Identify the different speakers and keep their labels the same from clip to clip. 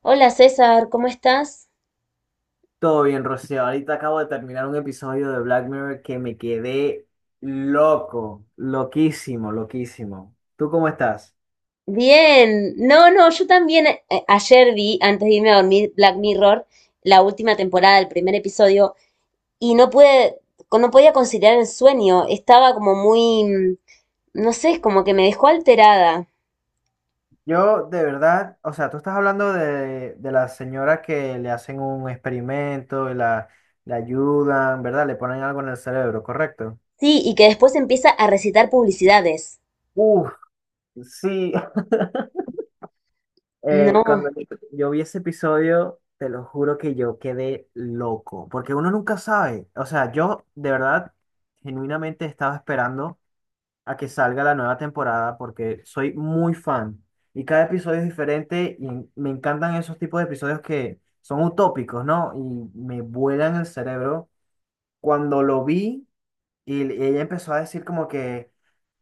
Speaker 1: Hola César, ¿cómo estás?
Speaker 2: Todo bien, Rocío. Ahorita acabo de terminar un episodio de Black Mirror que me quedé loco, loquísimo, loquísimo. ¿Tú cómo estás?
Speaker 1: Bien, no, no, yo también ayer vi, antes de irme a dormir, Black Mirror, la última temporada, el primer episodio, y no pude, no podía conciliar el sueño, estaba como muy, no sé, como que me dejó alterada.
Speaker 2: Yo, de verdad, o sea, tú estás hablando de la señora que le hacen un experimento y la ayudan, ¿verdad? Le ponen algo en el cerebro, ¿correcto?
Speaker 1: Sí, y que después empieza a recitar publicidades.
Speaker 2: Uf, sí.
Speaker 1: No,
Speaker 2: Cuando yo vi ese episodio, te lo juro que yo quedé loco, porque uno nunca sabe. O sea, yo de verdad, genuinamente estaba esperando a que salga la nueva temporada porque soy muy fan y cada episodio es diferente y me encantan esos tipos de episodios que son utópicos, ¿no? Y me vuelan el cerebro. Cuando lo vi y ella empezó a decir como que,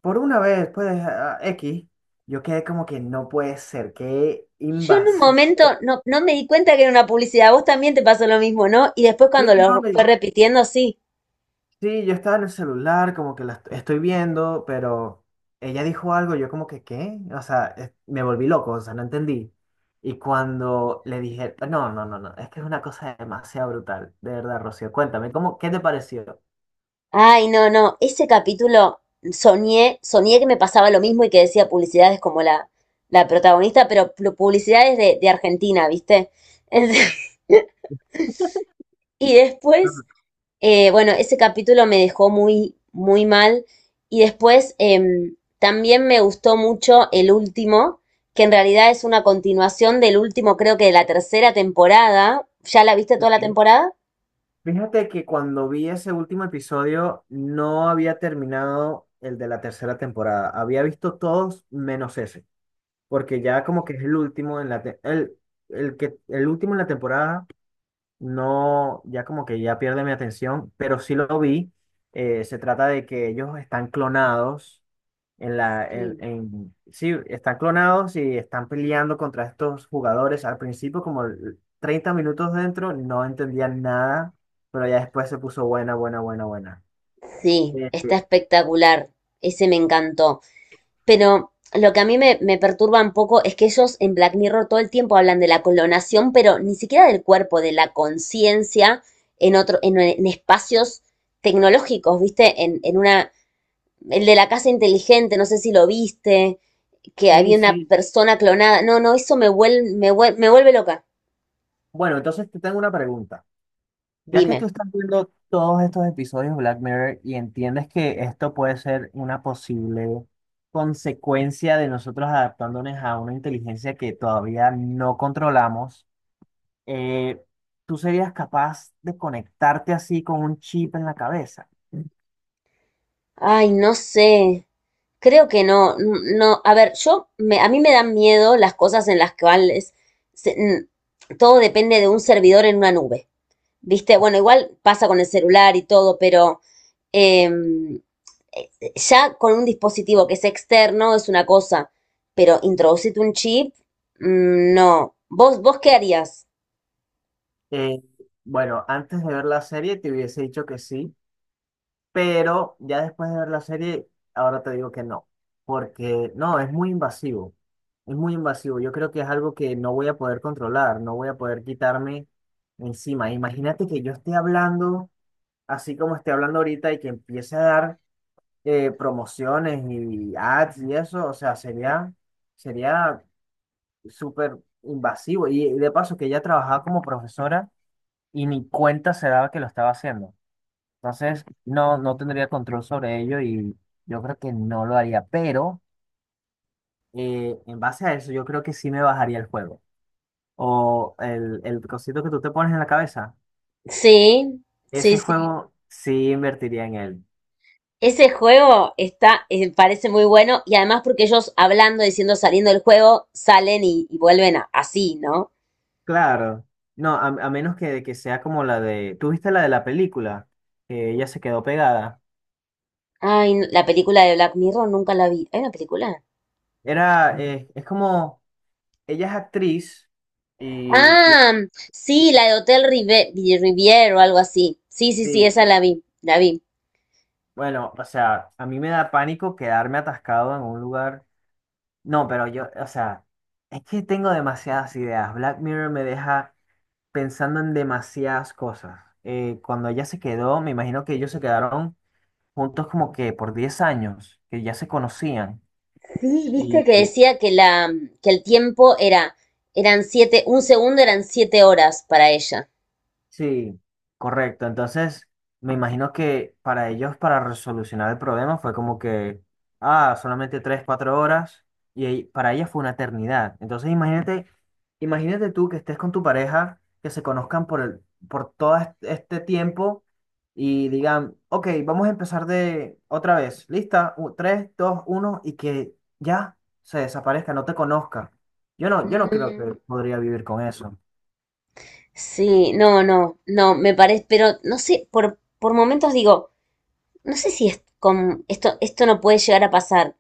Speaker 2: por una vez, pues, ah, X. Yo quedé como que no puede ser, qué
Speaker 1: yo en un
Speaker 2: invasivo.
Speaker 1: momento no, no me di cuenta que era una publicidad, a vos también te pasó lo mismo, ¿no? Y después
Speaker 2: Sí,
Speaker 1: cuando
Speaker 2: no,
Speaker 1: lo fue repitiendo, sí.
Speaker 2: sí, yo estaba en el celular, como que la estoy viendo, pero ella dijo algo, yo como que, ¿qué? O sea, me volví loco, o sea, no entendí. Y cuando le dije, no, no, no, no, es que es una cosa demasiado brutal, de verdad, Rocío, cuéntame, ¿cómo, qué te pareció?
Speaker 1: Ay, no, no, ese capítulo soñé, soñé que me pasaba lo mismo y que decía publicidades como la protagonista, pero publicidades de Argentina, ¿viste? Y
Speaker 2: Ujú.
Speaker 1: después, bueno, ese capítulo me dejó muy, muy mal. Y después también me gustó mucho el último, que en realidad es una continuación del último, creo que de la tercera temporada. ¿Ya la viste toda la
Speaker 2: Sí.
Speaker 1: temporada?
Speaker 2: Fíjate que cuando vi ese último episodio no había terminado el de la tercera temporada. Había visto todos menos ese, porque ya como que es el último en el que el último en la temporada no, ya como que ya pierde mi atención, pero sí lo vi. Se trata de que ellos están clonados en
Speaker 1: Sí.
Speaker 2: sí, están clonados y están peleando contra estos jugadores. Al principio, como el 30 minutos dentro, no entendía nada, pero ya después se puso buena, buena, buena, buena.
Speaker 1: Sí, está
Speaker 2: Este,
Speaker 1: espectacular. Ese me encantó. Pero lo que a mí me, me perturba un poco es que ellos en Black Mirror todo el tiempo hablan de la clonación, pero ni siquiera del cuerpo, de la conciencia en otro, en espacios tecnológicos, ¿viste? En una. El de la casa inteligente, no sé si lo viste, que
Speaker 2: sí,
Speaker 1: había una
Speaker 2: sí.
Speaker 1: persona clonada. No, no, eso me vuelve, me vuelve, me vuelve loca.
Speaker 2: Bueno, entonces te tengo una pregunta. Ya que tú
Speaker 1: Dime.
Speaker 2: estás viendo todos estos episodios de Black Mirror y entiendes que esto puede ser una posible consecuencia de nosotros adaptándonos a una inteligencia que todavía no controlamos, eh, ¿tú serías capaz de conectarte así con un chip en la cabeza?
Speaker 1: Ay, no sé. Creo que no, no. A ver, yo, me, a mí me dan miedo las cosas en las cuales se- n- todo depende de un servidor en una nube. Viste, bueno, igual pasa con el celular y todo, pero em, eh, ya con un dispositivo que es externo es una cosa, pero introducirte un chip, no. ¿Vos, vos qué harías?
Speaker 2: Eh, bueno, antes de ver la serie te hubiese dicho que sí, pero ya después de ver la serie, ahora te digo que no, porque no, es muy invasivo, es muy invasivo. Yo creo que es algo que no voy a poder controlar, no voy a poder quitarme encima. Imagínate que yo esté hablando así como estoy hablando ahorita y que empiece a dar promociones y ads y eso, o sea, sería, sería súper invasivo. Y de paso que ella trabajaba como profesora y ni cuenta se daba que lo estaba haciendo. Entonces, no, no tendría control sobre ello y yo creo que no lo haría. Pero en base a eso, yo creo que sí me bajaría el juego. O el cosito que tú te pones en la cabeza.
Speaker 1: Sí, sí,
Speaker 2: Ese
Speaker 1: sí.
Speaker 2: juego sí invertiría en él.
Speaker 1: Ese juego está, parece muy bueno y además porque ellos hablando, diciendo, saliendo del juego, salen y vuelven así, ¿no?
Speaker 2: Claro. No, a menos que sea como la de... ¿Tú viste la de la película? Que ella se quedó pegada.
Speaker 1: Ay, no, la película de Black Mirror nunca la vi. ¿Hay una película?
Speaker 2: Era, es como... Ella es actriz y... y-
Speaker 1: Ah, sí, la de Hotel Riviera o algo así. Sí, sí, sí,
Speaker 2: Sí.
Speaker 1: esa la vi, la vi.
Speaker 2: Bueno, o sea, a mí me da pánico quedarme atascado en un lugar. No, pero yo, o sea, es que tengo demasiadas ideas. Black Mirror me deja pensando en demasiadas cosas. Cuando ella se quedó, me imagino que ellos se quedaron juntos como que por 10 años, que ya se conocían.
Speaker 1: Sí, viste que
Speaker 2: Y,
Speaker 1: decía que la, que el tiempo era, eran 7, un segundo eran 7 horas para ella.
Speaker 2: sí, correcto. Entonces, me imagino que para ellos, para resolucionar el problema, fue como que, ah, solamente 3, 4 horas, para ella fue una eternidad. Entonces, imagínate, imagínate tú que estés con tu pareja, que se conozcan por por este tiempo y digan, ok, vamos a empezar de otra vez. Lista, tres, dos, uno, y que ya se desaparezca, no te conozca. Yo no, yo no creo que
Speaker 1: Mm,
Speaker 2: podría vivir con eso.
Speaker 1: Sí, no, no, no, me parece, pero no sé, por momentos digo, no sé si es con, esto no puede llegar a pasar.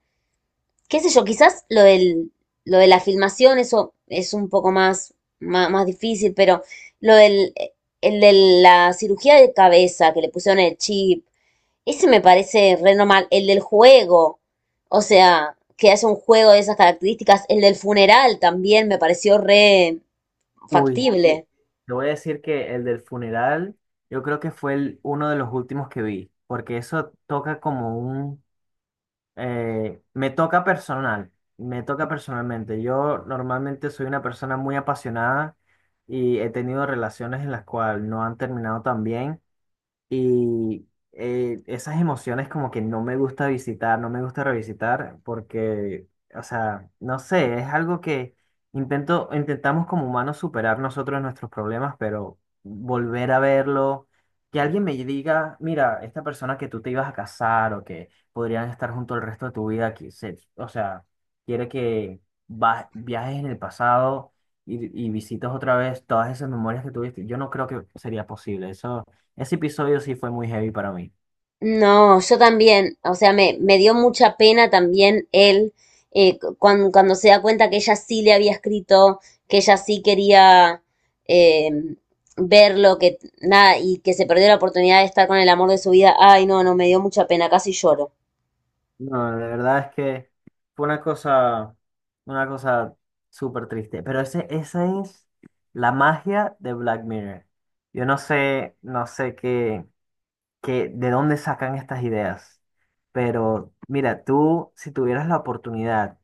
Speaker 1: Qué sé yo, quizás lo del, lo de la filmación, eso es un poco más, más, más difícil, pero lo del, el de la cirugía de cabeza que le pusieron el chip, ese me parece re normal. El del juego, o sea, que haya un juego de esas características, el del funeral también me pareció re
Speaker 2: Uy,
Speaker 1: factible.
Speaker 2: te voy a decir que el del funeral, yo creo que fue uno de los últimos que vi, porque eso toca como un... me toca personal, me toca personalmente. Yo normalmente soy una persona muy apasionada y he tenido relaciones en las cuales no han terminado tan bien. Y esas emociones como que no me gusta visitar, no me gusta revisitar, porque, o sea, no sé, es algo que intento, intentamos como humanos superar nosotros nuestros problemas, pero volver a verlo, que alguien me diga, mira, esta persona que tú te ibas a casar o que podrían estar junto el resto de tu vida, o sea, quiere que viajes en el pasado y visites otra vez todas esas memorias que tuviste. Yo no creo que sería posible, eso. Ese episodio sí fue muy heavy para mí.
Speaker 1: No, yo también, o sea, me dio mucha pena también él cuando, se da cuenta que ella sí le había escrito, que ella sí quería eh, verlo, que nada, y que se perdió la oportunidad de estar con el amor de su vida. Ay, no, no, me dio mucha pena, casi lloro.
Speaker 2: No, de verdad es que fue una cosa súper triste. Pero ese, esa es la magia de Black Mirror. Yo no sé, no sé qué de dónde sacan estas ideas. Pero mira, tú, si tuvieras la oportunidad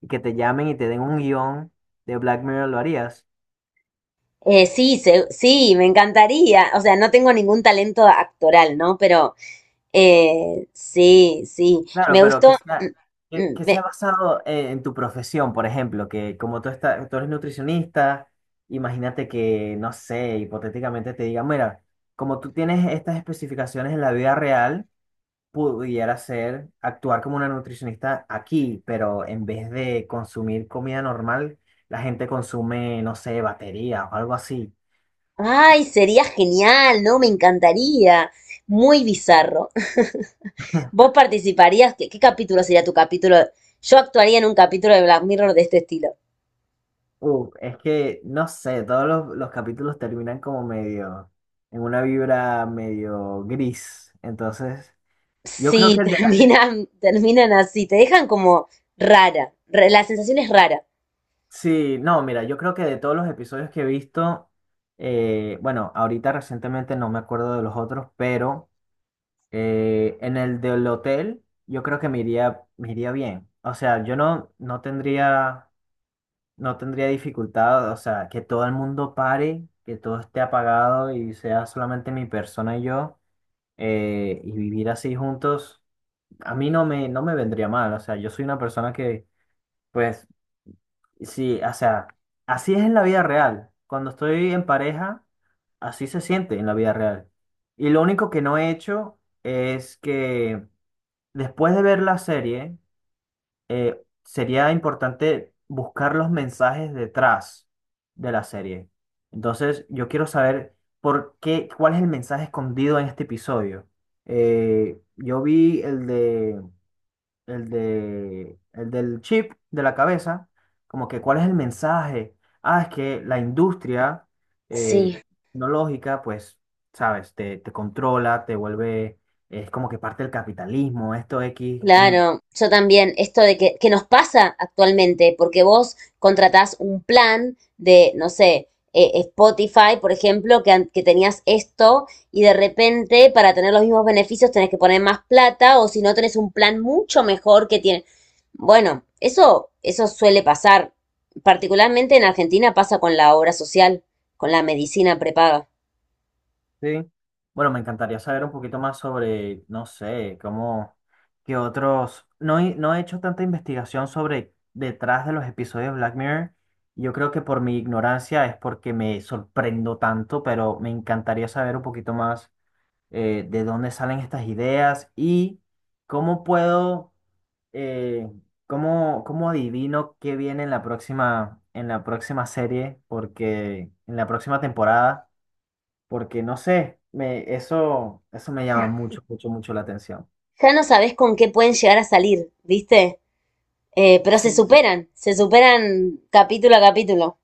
Speaker 2: y que te llamen y te den un guión de Black Mirror, ¿lo harías?
Speaker 1: Sí, sí, me encantaría. O sea, no tengo ningún talento actoral, ¿no? Pero sí, sí,
Speaker 2: Claro,
Speaker 1: me
Speaker 2: pero que
Speaker 1: gustó.
Speaker 2: sea,
Speaker 1: Mm,
Speaker 2: que sea
Speaker 1: me-
Speaker 2: basado en tu profesión, por ejemplo, que como tú, estás, tú eres nutricionista, imagínate que, no sé, hipotéticamente te digan, mira, como tú tienes estas especificaciones en la vida real, pudiera ser actuar como una nutricionista aquí, pero en vez de consumir comida normal, la gente consume, no sé, batería o algo así.
Speaker 1: Ay, sería genial, ¿no? Me encantaría. Muy bizarro. ¿Vos participarías? ¿Qué, qué capítulo sería tu capítulo? Yo actuaría en un capítulo de Black Mirror de este estilo.
Speaker 2: Es que, no sé, todos los capítulos terminan como medio, en una vibra medio gris. Entonces, yo creo
Speaker 1: Sí,
Speaker 2: que
Speaker 1: terminan, terminan así, te dejan como rara. La sensación es rara.
Speaker 2: sí, no, mira, yo creo que de todos los episodios que he visto, bueno, ahorita recientemente no me acuerdo de los otros, pero en el del hotel yo creo que me iría bien. O sea, yo no, no tendría, no tendría dificultad, o sea, que todo el mundo pare, que todo esté apagado y sea solamente mi persona y yo. Y vivir así juntos, a mí no me, no me vendría mal. O sea, yo soy una persona que, pues, sí, o sea, así es en la vida real. Cuando estoy en pareja, así se siente en la vida real. Y lo único que no he hecho es que después de ver la serie, sería importante buscar los mensajes detrás de la serie. Entonces, yo quiero saber por qué, cuál es el mensaje escondido en este episodio. Yo vi el de, el del chip de la cabeza, como que cuál es el mensaje. Ah, es que la industria eh,
Speaker 1: Sí.
Speaker 2: tecnológica, pues, sabes, te controla, te vuelve, es como que parte del capitalismo, esto X.
Speaker 1: Claro, yo también, esto de que nos pasa actualmente, porque vos contratás un plan de, no sé, Spotify, por ejemplo, que, que tenías esto y de repente para tener los mismos beneficios tenés que poner más plata o si no tenés un plan mucho mejor que tiene. Bueno, eso suele pasar, particularmente en Argentina pasa con la obra social, con la medicina prepaga.
Speaker 2: Sí. Bueno, me encantaría saber un poquito más sobre, no sé, cómo, qué otros... No, no he hecho tanta investigación sobre detrás de los episodios de Black Mirror. Yo creo que por mi ignorancia es porque me sorprendo tanto, pero me encantaría saber un poquito más de dónde salen estas ideas y cómo puedo, eh, cómo, cómo adivino qué viene en la próxima serie, porque en la próxima temporada porque no sé, me, eso me llama mucho, mucho, mucho la atención.
Speaker 1: Ya no sabés con qué pueden llegar a salir, ¿viste? Pero
Speaker 2: Sí.
Speaker 1: se superan capítulo a capítulo.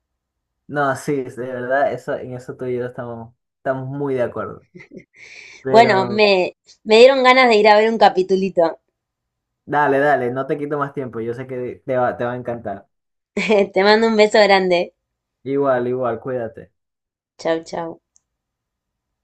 Speaker 2: No, sí, de verdad, eso, en eso tú y yo estamos, estamos muy de acuerdo.
Speaker 1: Bueno,
Speaker 2: Pero
Speaker 1: me dieron ganas de ir a ver un capitulito.
Speaker 2: dale, dale, no te quito más tiempo, yo sé que te va a encantar.
Speaker 1: Te mando un beso grande.
Speaker 2: Igual, igual, cuídate.
Speaker 1: Chau, chau.